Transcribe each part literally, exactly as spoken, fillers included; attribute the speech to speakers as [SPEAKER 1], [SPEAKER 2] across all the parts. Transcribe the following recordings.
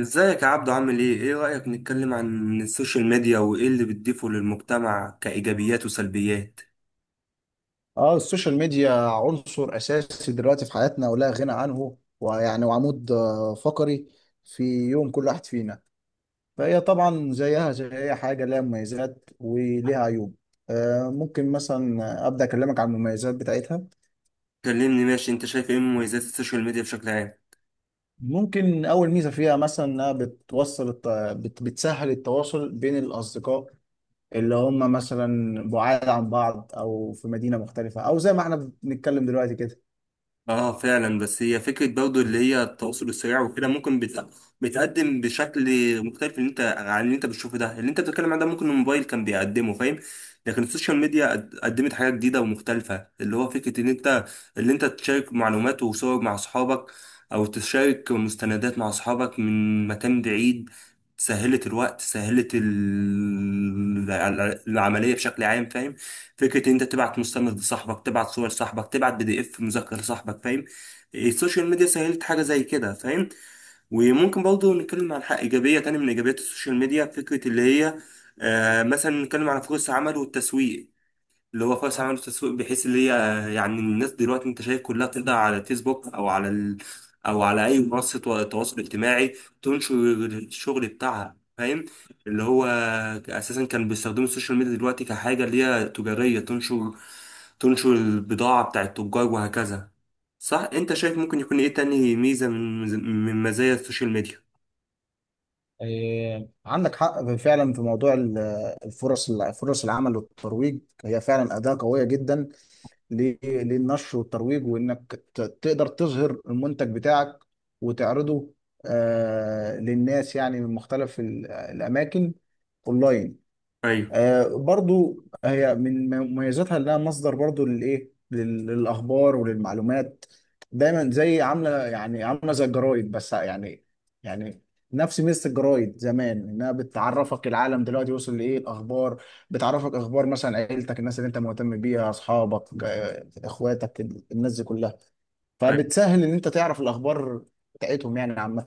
[SPEAKER 1] ازيك يا عبدو، عامل ايه؟ ايه رأيك نتكلم عن السوشيال ميديا وايه اللي بتضيفه للمجتمع كإيجابيات وسلبيات؟
[SPEAKER 2] اه، السوشيال ميديا عنصر اساسي دلوقتي في حياتنا ولا غنى عنه ويعني وعمود آه، فقري في يوم كل واحد فينا. فهي طبعا زيها زي اي حاجه لها مميزات وليها عيوب. آه، ممكن مثلا ابدا اكلمك عن المميزات بتاعتها.
[SPEAKER 1] كلمني ماشي، انت شايف ايه مميزات السوشيال ميديا بشكل عام؟
[SPEAKER 2] ممكن اول ميزه فيها مثلا انها بتوصل الت... بت... بتسهل التواصل بين الاصدقاء اللي هم مثلا بعاد عن بعض او في مدينه مختلفه او زي ما احنا بنتكلم دلوقتي كده.
[SPEAKER 1] اه فعلا، بس هي فكرة برضه اللي هي التواصل السريع وكده ممكن بت... بتقدم بشكل مختلف، اللي انت عن اللي انت بتشوفه ده، اللي انت بتتكلم عنه ده ممكن الموبايل كان بيقدمه، فاهم؟ لكن السوشيال ميديا قد- قدمت حاجة جديدة ومختلفة، اللي هو فكرة ان انت اللي انت تشارك معلومات وصور مع اصحابك، او تشارك مستندات مع اصحابك من مكان بعيد. سهلت الوقت، سهلت ال... العملية بشكل عام، فاهم؟ فكرة ان انت تبعت مستند لصاحبك، تبعت صور صاحبك، تبعت بي دي اف مذكر لصاحبك، فاهم؟ إيه، السوشيال ميديا سهلت حاجة زي كده، فاهم؟ وممكن برضه نتكلم عن حق ايجابية تاني من ايجابيات السوشيال ميديا، فكرة اللي هي آه مثلا نتكلم عن فرص عمل والتسويق، اللي هو خالص عملوا تسويق بحيث اللي هي يعني الناس دلوقتي انت شايف كلها بتقدر على فيسبوك او على ال... او على اي منصه تو- تواصل اجتماعي تنشر الشغل بتاعها، فاهم؟ اللي هو اساسا كان بيستخدموا السوشيال ميديا دلوقتي كحاجه اللي هي تجاريه، تنشر تنشر البضاعه بتاع التجار وهكذا. صح؟ انت شايف ممكن يكون ايه تاني ميزه من من مزايا السوشيال ميديا؟
[SPEAKER 2] إيه، عندك حق فعلا في موضوع ال- الفرص، فرص العمل والترويج. هي فعلا أداة قوية جدا ل- للنشر والترويج، وإنك ت- تقدر تظهر المنتج بتاعك وتعرضه آه، للناس يعني من مختلف ال- الأماكن أونلاين.
[SPEAKER 1] ايوه.
[SPEAKER 2] آه، برضو هي من مميزاتها انها مصدر برضو للايه، لل- للاخبار وللمعلومات دايما، زي عامله يعني عامله زي الجرايد بس يعني، يعني نفس ميزه الجرايد زمان انها بتعرفك العالم دلوقتي وصل لايه، الاخبار بتعرفك اخبار مثلا عيلتك، الناس اللي انت مهتم بيها، اصحابك، آه، اخواتك، الناس دي كلها. فبتسهل ان انت تعرف الاخبار بتاعتهم يعني عامه.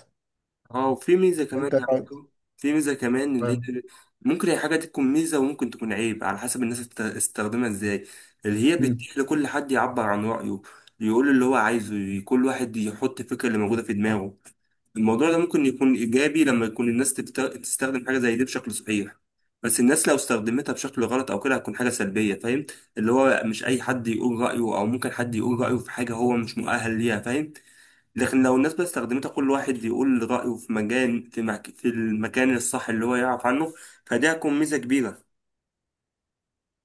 [SPEAKER 1] اه، وفي ميزة كمان
[SPEAKER 2] انت
[SPEAKER 1] يا عبدو، في ميزة كمان اللي
[SPEAKER 2] فاهم.
[SPEAKER 1] هي ممكن هي حاجة تكون ميزة وممكن تكون عيب على حسب الناس تستخدمها ازاي، اللي هي بتتيح لكل حد يعبر عن رأيه، يقول اللي هو عايزه، ي- كل واحد يحط الفكرة اللي موجودة في دماغه. الموضوع ده ممكن يكون إيجابي لما يكون الناس تبت- تستخدم حاجة زي دي بشكل صحيح، بس الناس لو استخدمتها بشكل غلط أو كده هتكون حاجة سلبية، فاهم؟ اللي هو مش أي حد يقول رأيه، أو ممكن حد يقول رأيه في حاجة هو مش مؤهل ليها، فاهم؟ لكن لو الناس بقى استخدمتها كل واحد يقول رأيه في مجال، في, مك... في المكان الصح اللي هو يعرف عنه، فدي هتكون ميزة كبيرة.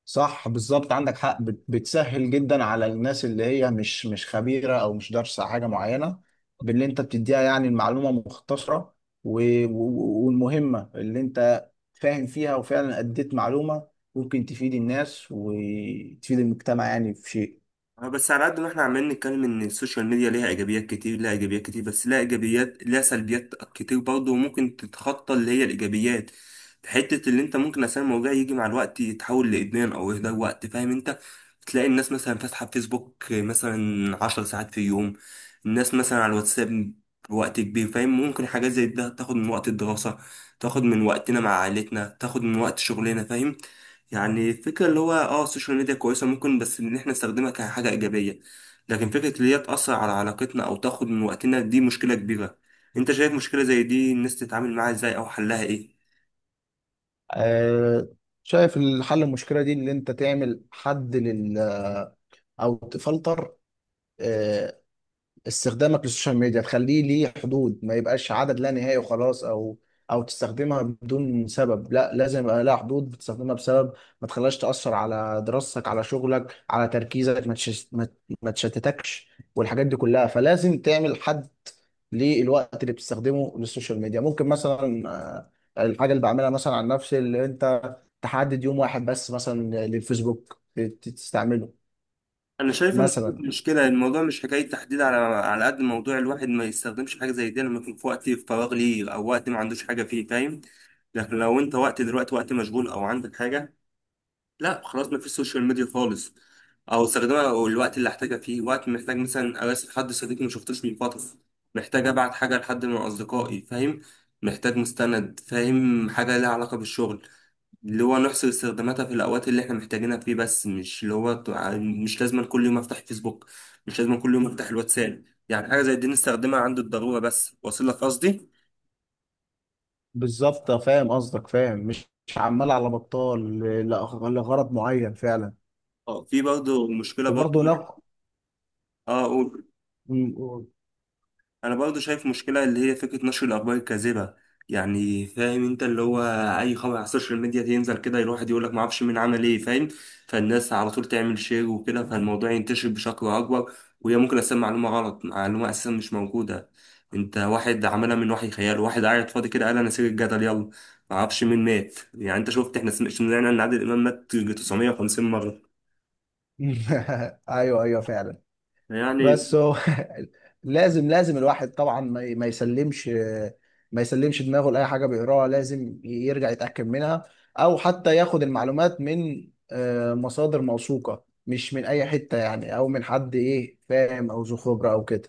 [SPEAKER 2] صح، بالظبط، عندك حق. بت- بتسهل جدا على الناس اللي هي مش مش خبيرة او مش دارسة حاجة معينة، باللي انت بتديها يعني المعلومة مختصرة و- و- والمهمة اللي انت فاهم فيها، وفعلا اديت معلومة ممكن تفيد الناس وتفيد المجتمع يعني في شيء.
[SPEAKER 1] اه بس على قد ما احنا عمالين نتكلم ان السوشيال ميديا ليها ايجابيات كتير، ليها ايجابيات كتير بس ليها ايجابيات ليها سلبيات كتير برضه، وممكن تتخطى اللي هي الايجابيات. حته اللي انت ممكن عشان الموضوع يجي مع الوقت يتحول لادمان او يهدر وقت، فاهم؟ انت تلاقي الناس مثلا فاتحه فيسبوك مثلا عشر ساعات في اليوم، الناس مثلا على الواتساب وقت كبير، فاهم؟ ممكن حاجات زي ده تاخد من وقت الدراسه، تاخد من وقتنا مع عائلتنا، تاخد من وقت شغلنا، فاهم؟ يعني الفكرة اللي هو اه السوشيال ميديا كويسة ممكن، بس ان احنا نستخدمها كحاجة ايجابية. لكن فكرة اللي هي تأثر على علاقتنا او تاخد من وقتنا دي مشكلة كبيرة. انت شايف مشكلة زي دي الناس تتعامل معاها ازاي او حلها ايه؟
[SPEAKER 2] آه، شايف الحل المشكلة دي اللي انت تعمل حد لل، او تفلتر آه، استخدامك للسوشيال ميديا، تخليه ليه حدود ما يبقاش عدد لا نهائي وخلاص. او او تستخدمها بدون سبب، لا لازم يبقى لها حدود بتستخدمها بسبب، ما تخليهاش تأثر على دراستك، على شغلك، على تركيزك، ما تشش- ما ما تشتتكش والحاجات دي كلها. فلازم تعمل حد للوقت اللي بتستخدمه للسوشيال ميديا. ممكن مثلا آه، الحاجة اللي بعملها مثلا عن نفسي، اللي انت تحدد يوم واحد بس مثلا للفيسبوك تستعمله
[SPEAKER 1] انا شايف ان
[SPEAKER 2] مثلا.
[SPEAKER 1] المشكلة، الموضوع مش حكاية تحديد، على على قد موضوع الواحد ما يستخدمش حاجة زي دي لما يكون في وقت فراغ ليه او وقت ما عندوش حاجة فيه، فاهم؟ لكن لو انت وقت دلوقتي وقت مشغول او عندك حاجة، لا خلاص، ما فيش سوشيال ميديا خالص. او استخدمها الوقت اللي احتاجها فيه، وقت محتاج مثلا اراسل حد صديق ما شفتوش من فتره، محتاج ابعت حاجه لحد من اصدقائي، فاهم؟ محتاج مستند، فاهم، حاجه لها علاقه بالشغل. اللي هو نحصر استخداماتها في الاوقات اللي احنا محتاجينها فيه بس، مش اللي هو تع- مش لازم كل يوم افتح فيسبوك، مش لازم كل يوم افتح الواتساب، يعني حاجه زي دي نستخدمها عند الضروره بس، واصل لك قصدي؟
[SPEAKER 2] بالظبط، آه، فاهم قصدك، فاهم. مش مش عمال على بطال، ل- لأغ- لغرض معين فعلا.
[SPEAKER 1] اه، في برضه مشكله برضه.
[SPEAKER 2] وبرضه نق
[SPEAKER 1] اه، قول.
[SPEAKER 2] م- م-
[SPEAKER 1] انا برضو شايف مشكلة اللي هي فكرة نشر الاخبار الكاذبة، يعني فاهم انت اللي هو اي خبر على السوشيال ميديا ينزل كده الواحد يقول لك ما اعرفش مين عمل ايه، فاهم؟ فالناس على طول تعمل شير وكده، فالموضوع ينتشر بشكل اكبر، وهي ممكن اساسا معلومة غلط، معلومة اساسا مش موجودة، انت واحد عملها من وحي خياله، واحد قاعد فاضي كده قال انا سير الجدل يلا، ما اعرفش مين مات، يعني انت شفت احنا سمعنا ان عادل امام مات تسعمية وخمسين مرة.
[SPEAKER 2] ايوه، ايوه فعلا.
[SPEAKER 1] يعني
[SPEAKER 2] بس هو لازم، لازم الواحد طبعا ما ي- ما يسلمش، ما يسلمش دماغه لاي حاجه بيقراها. لازم ي- يرجع يتاكد منها، او حتى ياخد المعلومات من آه، مصادر موثوقه، مش من اي حته يعني، او من حد ايه فاهم، او ذو خبره او كده.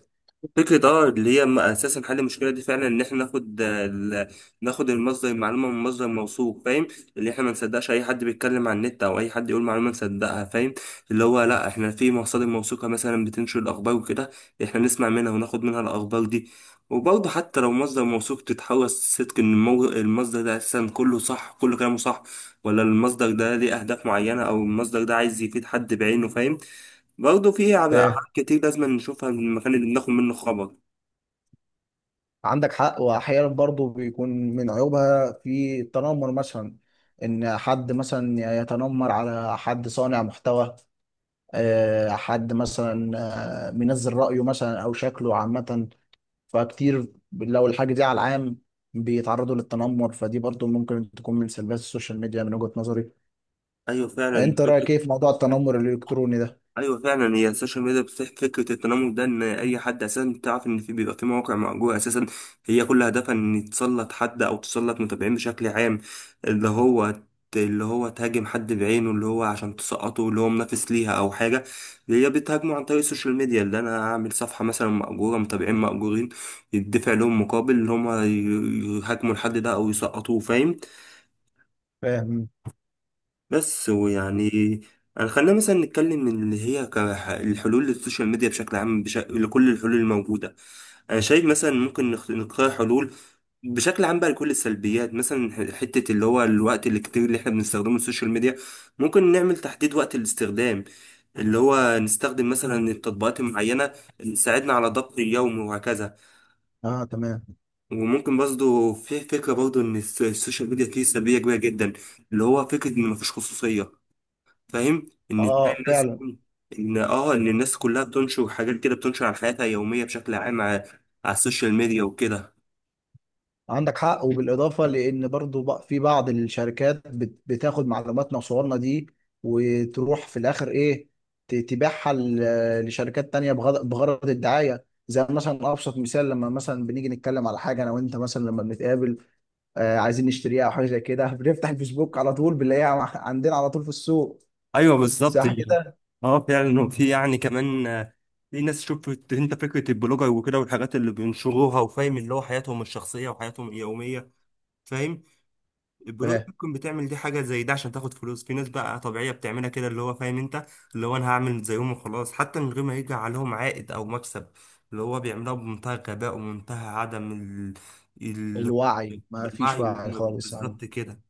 [SPEAKER 1] فكرة، اه، اللي هي م- اساسا حل المشكلة دي فعلا ان احنا ناخد آه، ال- ناخد المصدر، المعلومة من مصدر موثوق، فاهم؟ اللي احنا ما نصدقش اي حد بيتكلم عن النت او اي حد يقول معلومة نصدقها، فاهم؟ اللي هو لا، احنا في مصادر موثوقة مثلا بتنشر الاخبار وكده، احنا نسمع منها وناخد منها الاخبار دي. وبرضه حتى لو مصدر موثوق، تتحرص صدق ان المو- المصدر ده اساسا كله صح، كله كلامه صح، ولا المصدر ده ليه اهداف معينة، او المصدر ده عايز يفيد حد بعينه، فاهم؟ برضه في عب- أبعاد كتير لازم نشوفها من المكان اللي بناخد منه خبر.
[SPEAKER 2] عندك حق. واحيانا برضو بيكون من عيوبها في التنمر مثلا، ان حد مثلا يتنمر على حد صانع محتوى، آه، حد مثلا آه، منزل رأيه مثلا او شكله عامة، فكتير لو الحاجة دي على العام بيتعرضوا للتنمر. فدي برضو ممكن تكون من سلبيات السوشيال ميديا من وجهة نظري.
[SPEAKER 1] أيوة فعلا،
[SPEAKER 2] انت
[SPEAKER 1] فكرة،
[SPEAKER 2] رأيك ايه في موضوع التنمر الالكتروني ده؟
[SPEAKER 1] أيوة فعلا، هي السوشيال ميديا بتفتح فكرة التنمر ده، إن أي حد أساسا تعرف إن في بيبقى في مواقع مأجورة أساسا، هي كل هدفها إن تسلط حد أو تسلط متابعين بشكل عام، اللي هو ت- اللي هو تهاجم حد بعينه، اللي هو عشان تسقطه، اللي هو منافس ليها أو حاجة، اللي هي بتهاجمه عن طريق السوشيال ميديا، اللي أنا أعمل صفحة مثلا مأجورة، متابعين مأجورين يدفع لهم مقابل اللي هما ي- يهاجموا الحد ده أو يسقطوه، فاهم؟
[SPEAKER 2] فاهم.
[SPEAKER 1] بس ويعني، يعني خلينا مثلا نتكلم من اللي هي كح- الحلول للسوشيال ميديا بشكل عام، بش... لكل الحلول الموجودة. أنا شايف مثلا ممكن نخ- نختار حلول بشكل عام بقى لكل السلبيات، مثلا ح- حتة اللي هو الوقت الكتير اللي احنا بنستخدمه السوشيال ميديا، ممكن نعمل تحديد وقت الاستخدام، اللي هو نستخدم مثلا التطبيقات المعينة اللي تساعدنا على ضبط اليوم وهكذا.
[SPEAKER 2] اه، تمام.
[SPEAKER 1] وممكن برضه في فكرة برضه إن الس- السوشيال ميديا فيه سلبية كبيرة جدا، اللي هو فكرة إن مفيش خصوصية، فاهم، ان تلاقي
[SPEAKER 2] اه
[SPEAKER 1] الناس،
[SPEAKER 2] فعلا.
[SPEAKER 1] ان اه ان الناس كلها بتنشر حاجات كده، بتنشر عن حياتها اليوميه بشكل عام على، على السوشيال ميديا وكده.
[SPEAKER 2] عندك حق. وبالإضافة لأن برضو بق- في بعض الشركات بت- بتاخد معلوماتنا وصورنا دي، وتروح في الآخر إيه، ت- تبيعها ل- لشركات تانية بغض- بغرض الدعاية. زي مثلا أبسط مثال، لما مثلا بنيجي نتكلم على حاجة أنا وأنت مثلا لما بنتقابل، آه، عايزين نشتريها أو حاجة زي كده، بنفتح الفيسبوك على طول بنلاقيها مع- عندنا على طول في السوق.
[SPEAKER 1] ايوه بالظبط.
[SPEAKER 2] صح كده؟
[SPEAKER 1] اه فعلا، وفي يعني كمان، آه، في ناس شفت انت فكره البلوجر وكده والحاجات اللي بينشروها، وفاهم اللي هو حياتهم الشخصيه وحياتهم اليوميه، فاهم؟ البنوك ممكن بتعمل دي حاجة زي ده عشان تاخد فلوس، في ناس بقى طبيعية بتعملها كده، اللي هو فاهم انت، اللي هو انا هعمل زيهم وخلاص حتى من غير ما يجي عليهم عائد او مكسب، اللي هو بيعملها بمنتهى الغباء ومنتهى عدم ال... ال...
[SPEAKER 2] فالوعي ما فيش
[SPEAKER 1] الوعي،
[SPEAKER 2] وعي
[SPEAKER 1] اللي هم
[SPEAKER 2] خالص يا عم.
[SPEAKER 1] بالظبط كده،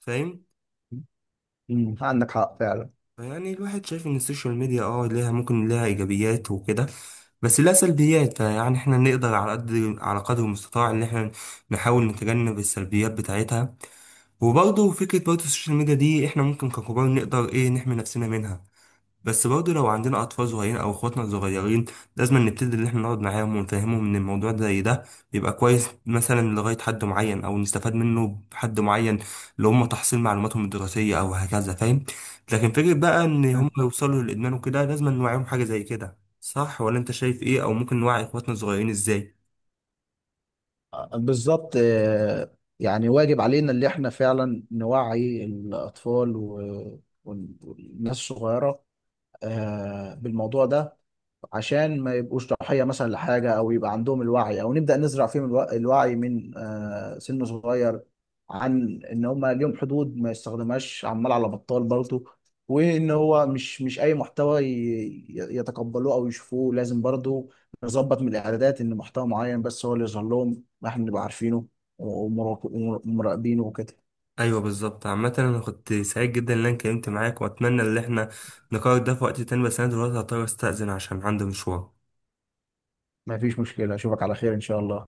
[SPEAKER 1] فاهم؟
[SPEAKER 2] مم، عندك حق فعلا.
[SPEAKER 1] فيعني الواحد شايف ان السوشيال ميديا، اه، ليها ممكن ليها ايجابيات وكده، بس لها سلبيات، فيعني احنا نقدر على قد، على قدر المستطاع ان احنا نحاول نتجنب السلبيات بتاعتها. وبرضه فكرة برضه السوشيال ميديا دي احنا ممكن ككبار نقدر ايه نحمي نفسنا منها، بس برضه لو عندنا أطفال صغيرين أو إخواتنا صغيرين، لازم نبتدي إن احنا نقعد معاهم ونفهمهم إن الموضوع ده زي ده بيبقى كويس مثلا لغاية حد معين، أو نستفاد منه بحد معين، لو هم تحصيل معلوماتهم الدراسية أو هكذا، فاهم؟ لكن فكرة بقى إن هم يوصلوا للإدمان وكده لازم نوعيهم حاجة زي كده، صح ولا أنت شايف ايه، أو ممكن نوعي إخواتنا الصغيرين ازاي؟
[SPEAKER 2] بالظبط، آه، يعني واجب علينا اللي احنا فعلا نوعي الأطفال و- وال- والناس الصغيرة آه، بالموضوع ده، عشان ما يبقوش ضحية مثلا لحاجة، أو يبقى عندهم الوعي، أو نبدأ نزرع فيهم الوع- الوعي من آه، سن صغير، عن إن هما ليهم حدود ما يستخدمهاش عمال على بطال برضه. وإن هو مش مش أي محتوى ي- يتقبلوه أو يشوفوه. لازم برضه نظبط من الإعدادات إن محتوى معين بس هو اللي يظهر لهم، ما إحنا نبقى عارفينه ومراقب- ومراقبينه وكده.
[SPEAKER 1] ايوه بالظبط. عامة انا كنت سعيد جدا ان انا اتكلمت معاك، واتمنى ان احنا نقرر ده في وقت تاني، بس انا دلوقتي هضطر استأذن عشان عندي مشوار.
[SPEAKER 2] مفيش مشكلة، أشوفك على خير إن شاء الله.